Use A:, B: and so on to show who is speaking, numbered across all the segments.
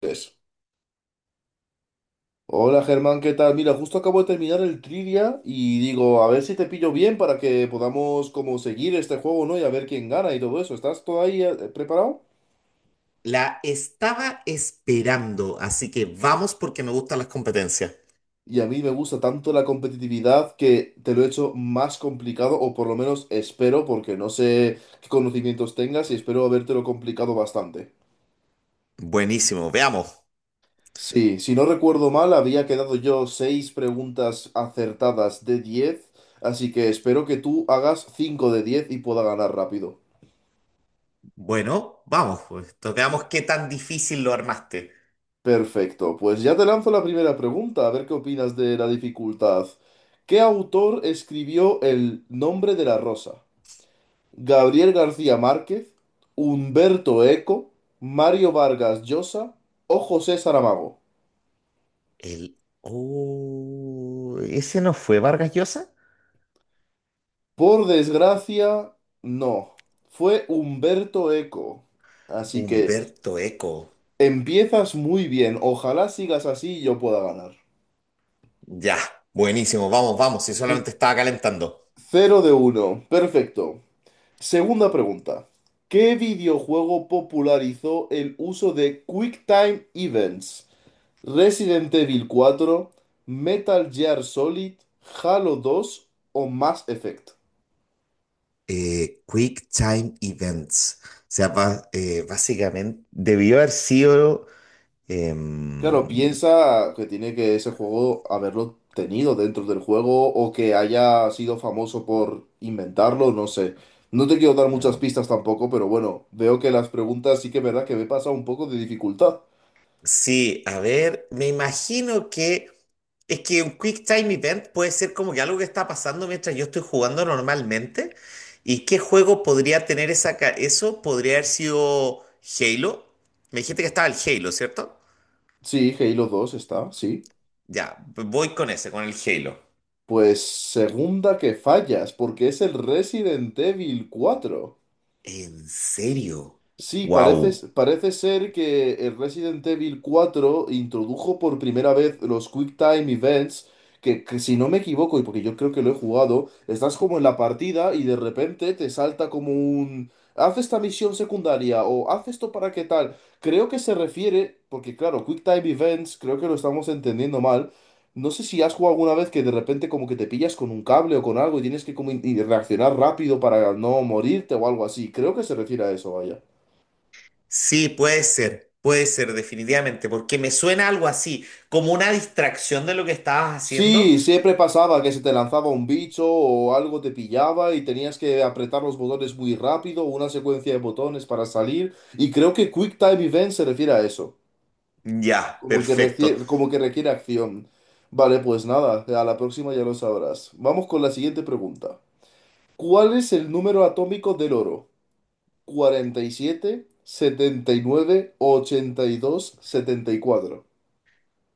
A: Tres. Hola Germán, ¿qué tal? Mira, justo acabo de terminar el trivia y digo, a ver si te pillo bien para que podamos como seguir este juego, ¿no? Y a ver quién gana y todo eso. ¿Estás todo ahí preparado?
B: La estaba esperando, así que vamos porque me gustan las competencias.
A: Y a mí me gusta tanto la competitividad que te lo he hecho más complicado, o por lo menos espero, porque no sé qué conocimientos tengas y espero habértelo complicado bastante.
B: Buenísimo, veamos.
A: Sí, si no recuerdo mal, había quedado yo seis preguntas acertadas de 10, así que espero que tú hagas 5 de 10 y pueda ganar rápido.
B: Bueno, vamos, pues, entonces veamos qué tan difícil lo armaste.
A: Perfecto, pues ya te lanzo la primera pregunta, a ver qué opinas de la dificultad. ¿Qué autor escribió El nombre de la rosa? ¿Gabriel García Márquez, Humberto Eco, Mario Vargas Llosa o José Saramago?
B: El... Oh, ¿ese no fue Vargas Llosa?
A: Por desgracia, no. Fue Humberto Eco. Así que
B: Humberto Eco.
A: empiezas muy bien. Ojalá sigas así y yo pueda ganar.
B: Ya, buenísimo, vamos, vamos, si solamente estaba calentando.
A: Cero de uno. Perfecto. Segunda pregunta. ¿Qué videojuego popularizó el uso de QuickTime Events? ¿Resident Evil cuatro, Metal Gear Solid, Halo 2 o Mass Effect?
B: Quick Time Events. O sea, básicamente debió haber sido... em,
A: Claro, piensa que tiene que ese juego haberlo tenido dentro del juego o que haya sido famoso por inventarlo, no sé. No te quiero dar muchas pistas tampoco, pero bueno, veo que las preguntas sí que es verdad que me pasa un poco de dificultad.
B: Sí, a ver, me imagino que es que un Quick Time Event puede ser como que algo que está pasando mientras yo estoy jugando normalmente. ¿Y qué juego podría tener eso? Podría haber sido Halo. Me dijiste que estaba el Halo, ¿cierto?
A: Sí, Halo 2 está, sí.
B: Ya, voy con ese, con el Halo.
A: Pues segunda que fallas, porque es el Resident Evil 4.
B: ¿En serio?
A: Sí, parece,
B: Wow.
A: parece ser que el Resident Evil 4 introdujo por primera vez los Quick Time Events, que si no me equivoco, y porque yo creo que lo he jugado, estás como en la partida y de repente te salta como un. Haz esta misión secundaria o haz esto para qué tal. Creo que se refiere, porque claro, Quick Time Events, creo que lo estamos entendiendo mal. No sé si has jugado alguna vez que de repente como que te pillas con un cable o con algo y tienes que como y reaccionar rápido para no morirte o algo así. Creo que se refiere a eso, vaya.
B: Sí, puede ser, definitivamente, porque me suena algo así, como una distracción de lo que estabas haciendo.
A: Sí, siempre pasaba que se te lanzaba un bicho o algo te pillaba y tenías que apretar los botones muy rápido, una secuencia de botones para salir. Y creo que Quick Time Event se refiere a eso,
B: Ya,
A: como que
B: perfecto.
A: requiere, como que requiere acción. Vale, pues nada, a la próxima ya lo sabrás. Vamos con la siguiente pregunta. ¿Cuál es el número atómico del oro? 47, 79, 82, 74.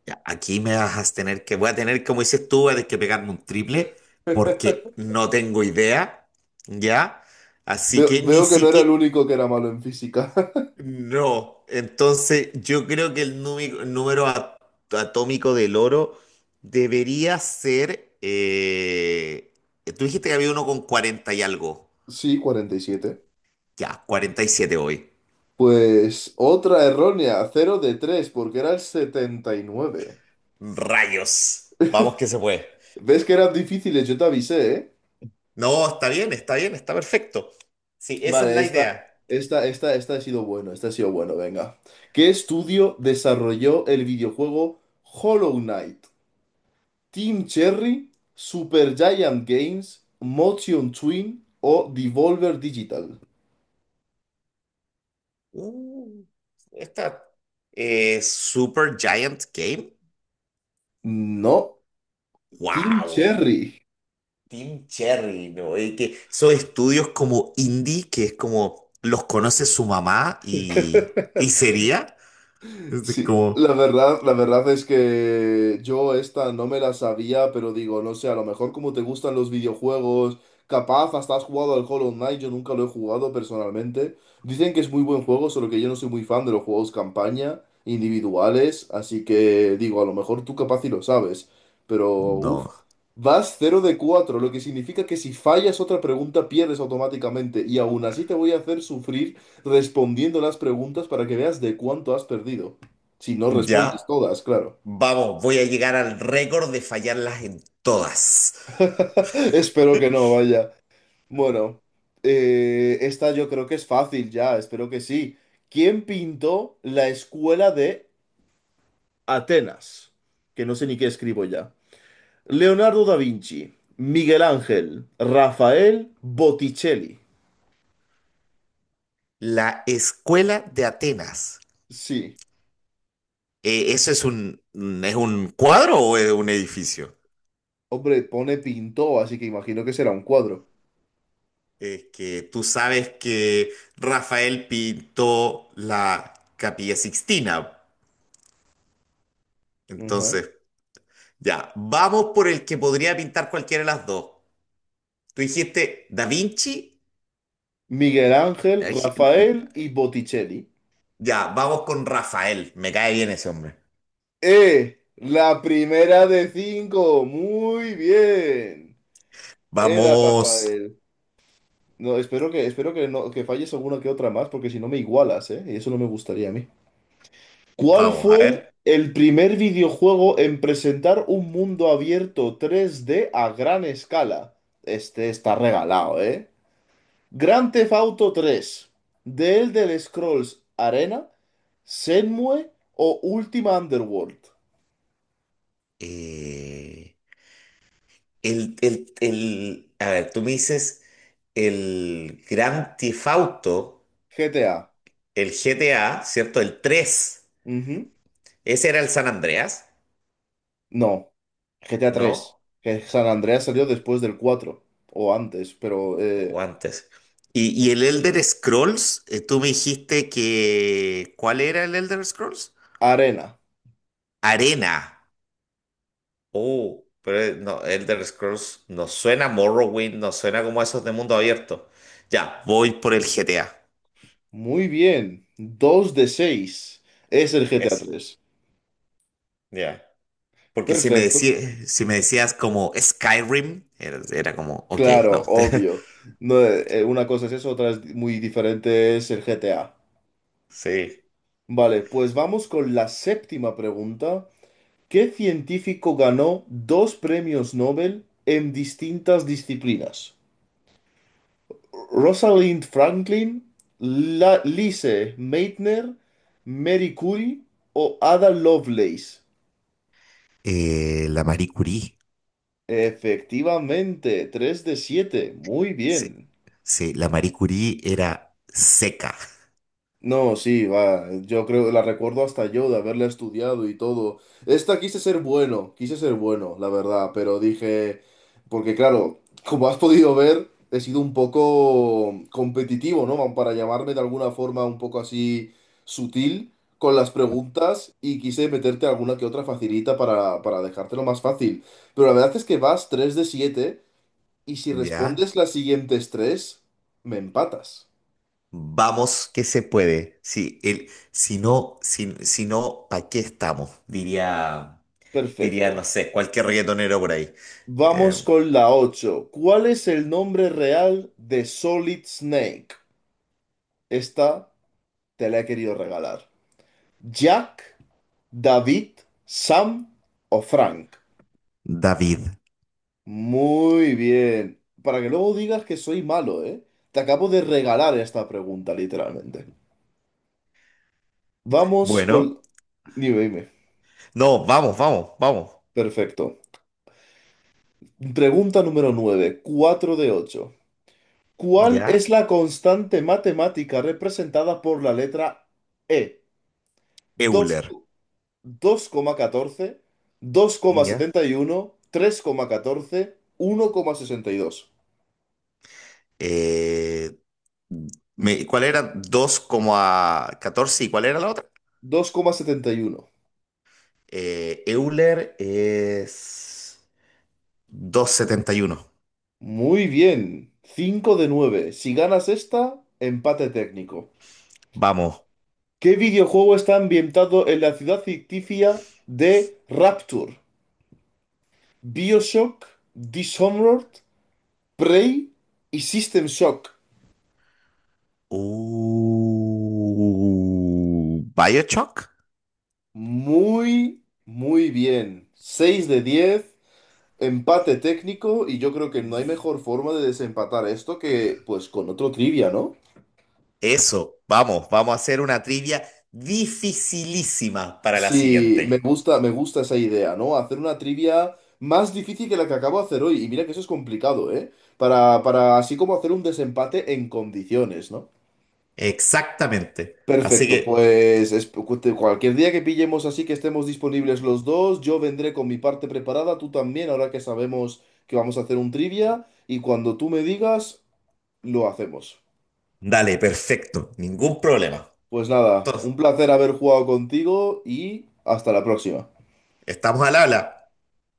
B: Ya, aquí me vas a tener que, voy a tener, como dices tú, voy a tener que pegarme un triple porque no tengo idea, ¿ya? Así
A: Veo,
B: que ni
A: veo que no era el
B: siquiera,
A: único que era malo en física.
B: no. Entonces, yo creo que el número atómico del oro debería ser, tú dijiste que había uno con 40 y algo,
A: Sí, 47.
B: ya, 47 hoy.
A: Pues otra errónea, cero de 3 porque era el 79.
B: Rayos, vamos que se puede.
A: ¿Ves que eran difíciles? Yo te avisé, ¿eh?
B: No, está bien, está bien, está perfecto. Sí, esa es
A: Vale,
B: la
A: esta,
B: idea.
A: esta, esta, esta ha sido bueno, venga. ¿Qué estudio desarrolló el videojuego Hollow Knight? ¿Team Cherry, Supergiant Games, Motion Twin o Devolver Digital?
B: Uh, esta Super Giant Game.
A: No, Team
B: Wow,
A: Cherry.
B: Team Cherry, ¿no? Y que son estudios como indie, que es como los conoce su mamá y sería. Es
A: Sí, la
B: como,
A: verdad, la verdad es que yo esta no me la sabía, pero digo, no sé, a lo mejor como te gustan los videojuegos, capaz hasta has jugado al Hollow Knight, yo nunca lo he jugado personalmente. Dicen que es muy buen juego, solo que yo no soy muy fan de los juegos campaña, individuales, así que digo, a lo mejor tú capaz y lo sabes, pero uff,
B: no.
A: vas cero de 4, lo que significa que si fallas otra pregunta pierdes automáticamente, y aún así te voy a hacer sufrir respondiendo las preguntas para que veas de cuánto has perdido. Si no respondes
B: Ya,
A: todas, claro.
B: vamos, voy a llegar al récord de fallarlas en todas.
A: Espero que no, vaya. Bueno, esta yo creo que es fácil ya, espero que sí. ¿Quién pintó la escuela de Atenas? Que no sé ni qué escribo ya. Leonardo da Vinci, Miguel Ángel, Rafael Botticelli.
B: La Escuela de Atenas.
A: Sí,
B: ¿Eso es un es un cuadro o es un edificio?
A: hombre, pone pintó, así que imagino que será un cuadro.
B: Es que tú sabes que Rafael pintó la Capilla Sixtina.
A: Ajá.
B: Entonces, ya, vamos por el que podría pintar cualquiera de las dos. Tú dijiste Da Vinci.
A: Miguel Ángel,
B: Eh,
A: Rafael y Botticelli.
B: Ya, vamos con Rafael. Me cae bien ese hombre.
A: La primera de cinco. Muy bien. Era
B: Vamos,
A: Rafael. No, espero que no, que falles alguna que otra más, porque si no me igualas, ¿eh? Y eso no me gustaría a mí. ¿Cuál
B: vamos, a
A: fue
B: ver.
A: el primer videojuego en presentar un mundo abierto 3D a gran escala? Este está regalado, ¿eh? Grand Theft Auto tres, The Elder Scrolls Arena, Shenmue o Ultima Underworld.
B: Eh, a ver, tú me dices el Gran Tifauto,
A: GTA.
B: el GTA, ¿cierto? ¿El tres, ¿ese era el San Andreas?
A: No, GTA 3
B: ¿No?
A: que San Andreas salió después del 4 o antes, pero
B: O antes. Y el Elder Scrolls, tú me dijiste que... ¿Cuál era el Elder Scrolls?
A: Arena.
B: Arena. Oh, pero no, Elder Scrolls no suena a Morrowind, no suena como esos de mundo abierto. Ya, voy por el GTA.
A: Muy bien, 2 de 6 es el GTA
B: Eso,
A: tres,
B: ya. Porque si me
A: Perfecto,
B: decías, si me decías como Skyrim, era, era como, ok, no.
A: claro, obvio. No, una cosa es eso, otra es muy diferente es el GTA.
B: Sí.
A: Vale, pues vamos con la séptima pregunta. ¿Qué científico ganó dos premios Nobel en distintas disciplinas? Rosalind Franklin, La Lise Meitner, Mary Curie o Ada Lovelace.
B: La Marie Curie.
A: Efectivamente, 3 de 7. Muy
B: Sí,
A: bien.
B: sí, la Marie Curie era seca,
A: No, sí, va. Yo creo, la recuerdo hasta yo de haberla estudiado y todo. Esta quise ser bueno, la verdad, pero dije, porque claro, como has podido ver, he sido un poco competitivo, ¿no? Para llamarme de alguna forma un poco así sutil con las preguntas y quise meterte alguna que otra facilita para dejártelo más fácil. Pero la verdad es que vas 3 de 7 y si
B: ¿ya?
A: respondes las siguientes tres, me empatas.
B: Vamos que se puede. Si, si no, si, si no, ¿para qué estamos? Diría, diría, no
A: Perfecto.
B: sé, cualquier reggaetonero por ahí. Eh,
A: Vamos con la 8. ¿Cuál es el nombre real de Solid Snake? Esta te la he querido regalar. ¿Jack, David, Sam o Frank?
B: David.
A: Muy bien. Para que luego digas que soy malo, ¿eh? Te acabo de regalar esta pregunta, literalmente. Vamos
B: Bueno,
A: con. Dime, dime.
B: no, vamos, vamos, vamos.
A: Perfecto. Pregunta número 9, 4 de 8. ¿Cuál es
B: Ya.
A: la constante matemática representada por la letra E? dos
B: Euler.
A: dos coma catorce
B: Ya.
A: setenta y uno, tres coma catorce, uno tres sesenta y dos.
B: Eh, ¿Cuál era? Dos coma catorce, ¿y cuál era la otra?
A: Dos coma setenta y uno.
B: Euler es doscientos setenta y uno.
A: Muy bien. Cinco de nueve. Si ganas esta, empate técnico.
B: Vamos.
A: ¿Qué videojuego está ambientado en la ciudad ficticia de Rapture? BioShock, Dishonored, Prey y System Shock.
B: ¿Bioshock?
A: Muy, muy bien. Seis de 10. Empate técnico y yo creo que no hay mejor forma de desempatar esto que pues con otro trivia, ¿no?
B: Eso, vamos, vamos a hacer una trivia dificilísima para la
A: Sí, me
B: siguiente.
A: gusta, me gusta esa idea, ¿no? Hacer una trivia más difícil que la que acabo de hacer hoy. Y mira que eso es complicado, ¿eh? Para así como hacer un desempate en condiciones, ¿no?
B: Exactamente. Así
A: Perfecto,
B: que,
A: pues cualquier día que pillemos así que estemos disponibles los dos, yo vendré con mi parte preparada, tú también, ahora que sabemos que vamos a hacer un trivia, y cuando tú me digas, lo hacemos.
B: dale, perfecto, ningún problema.
A: Pues nada,
B: Entonces,
A: un placer haber jugado contigo y hasta la próxima.
B: estamos al habla.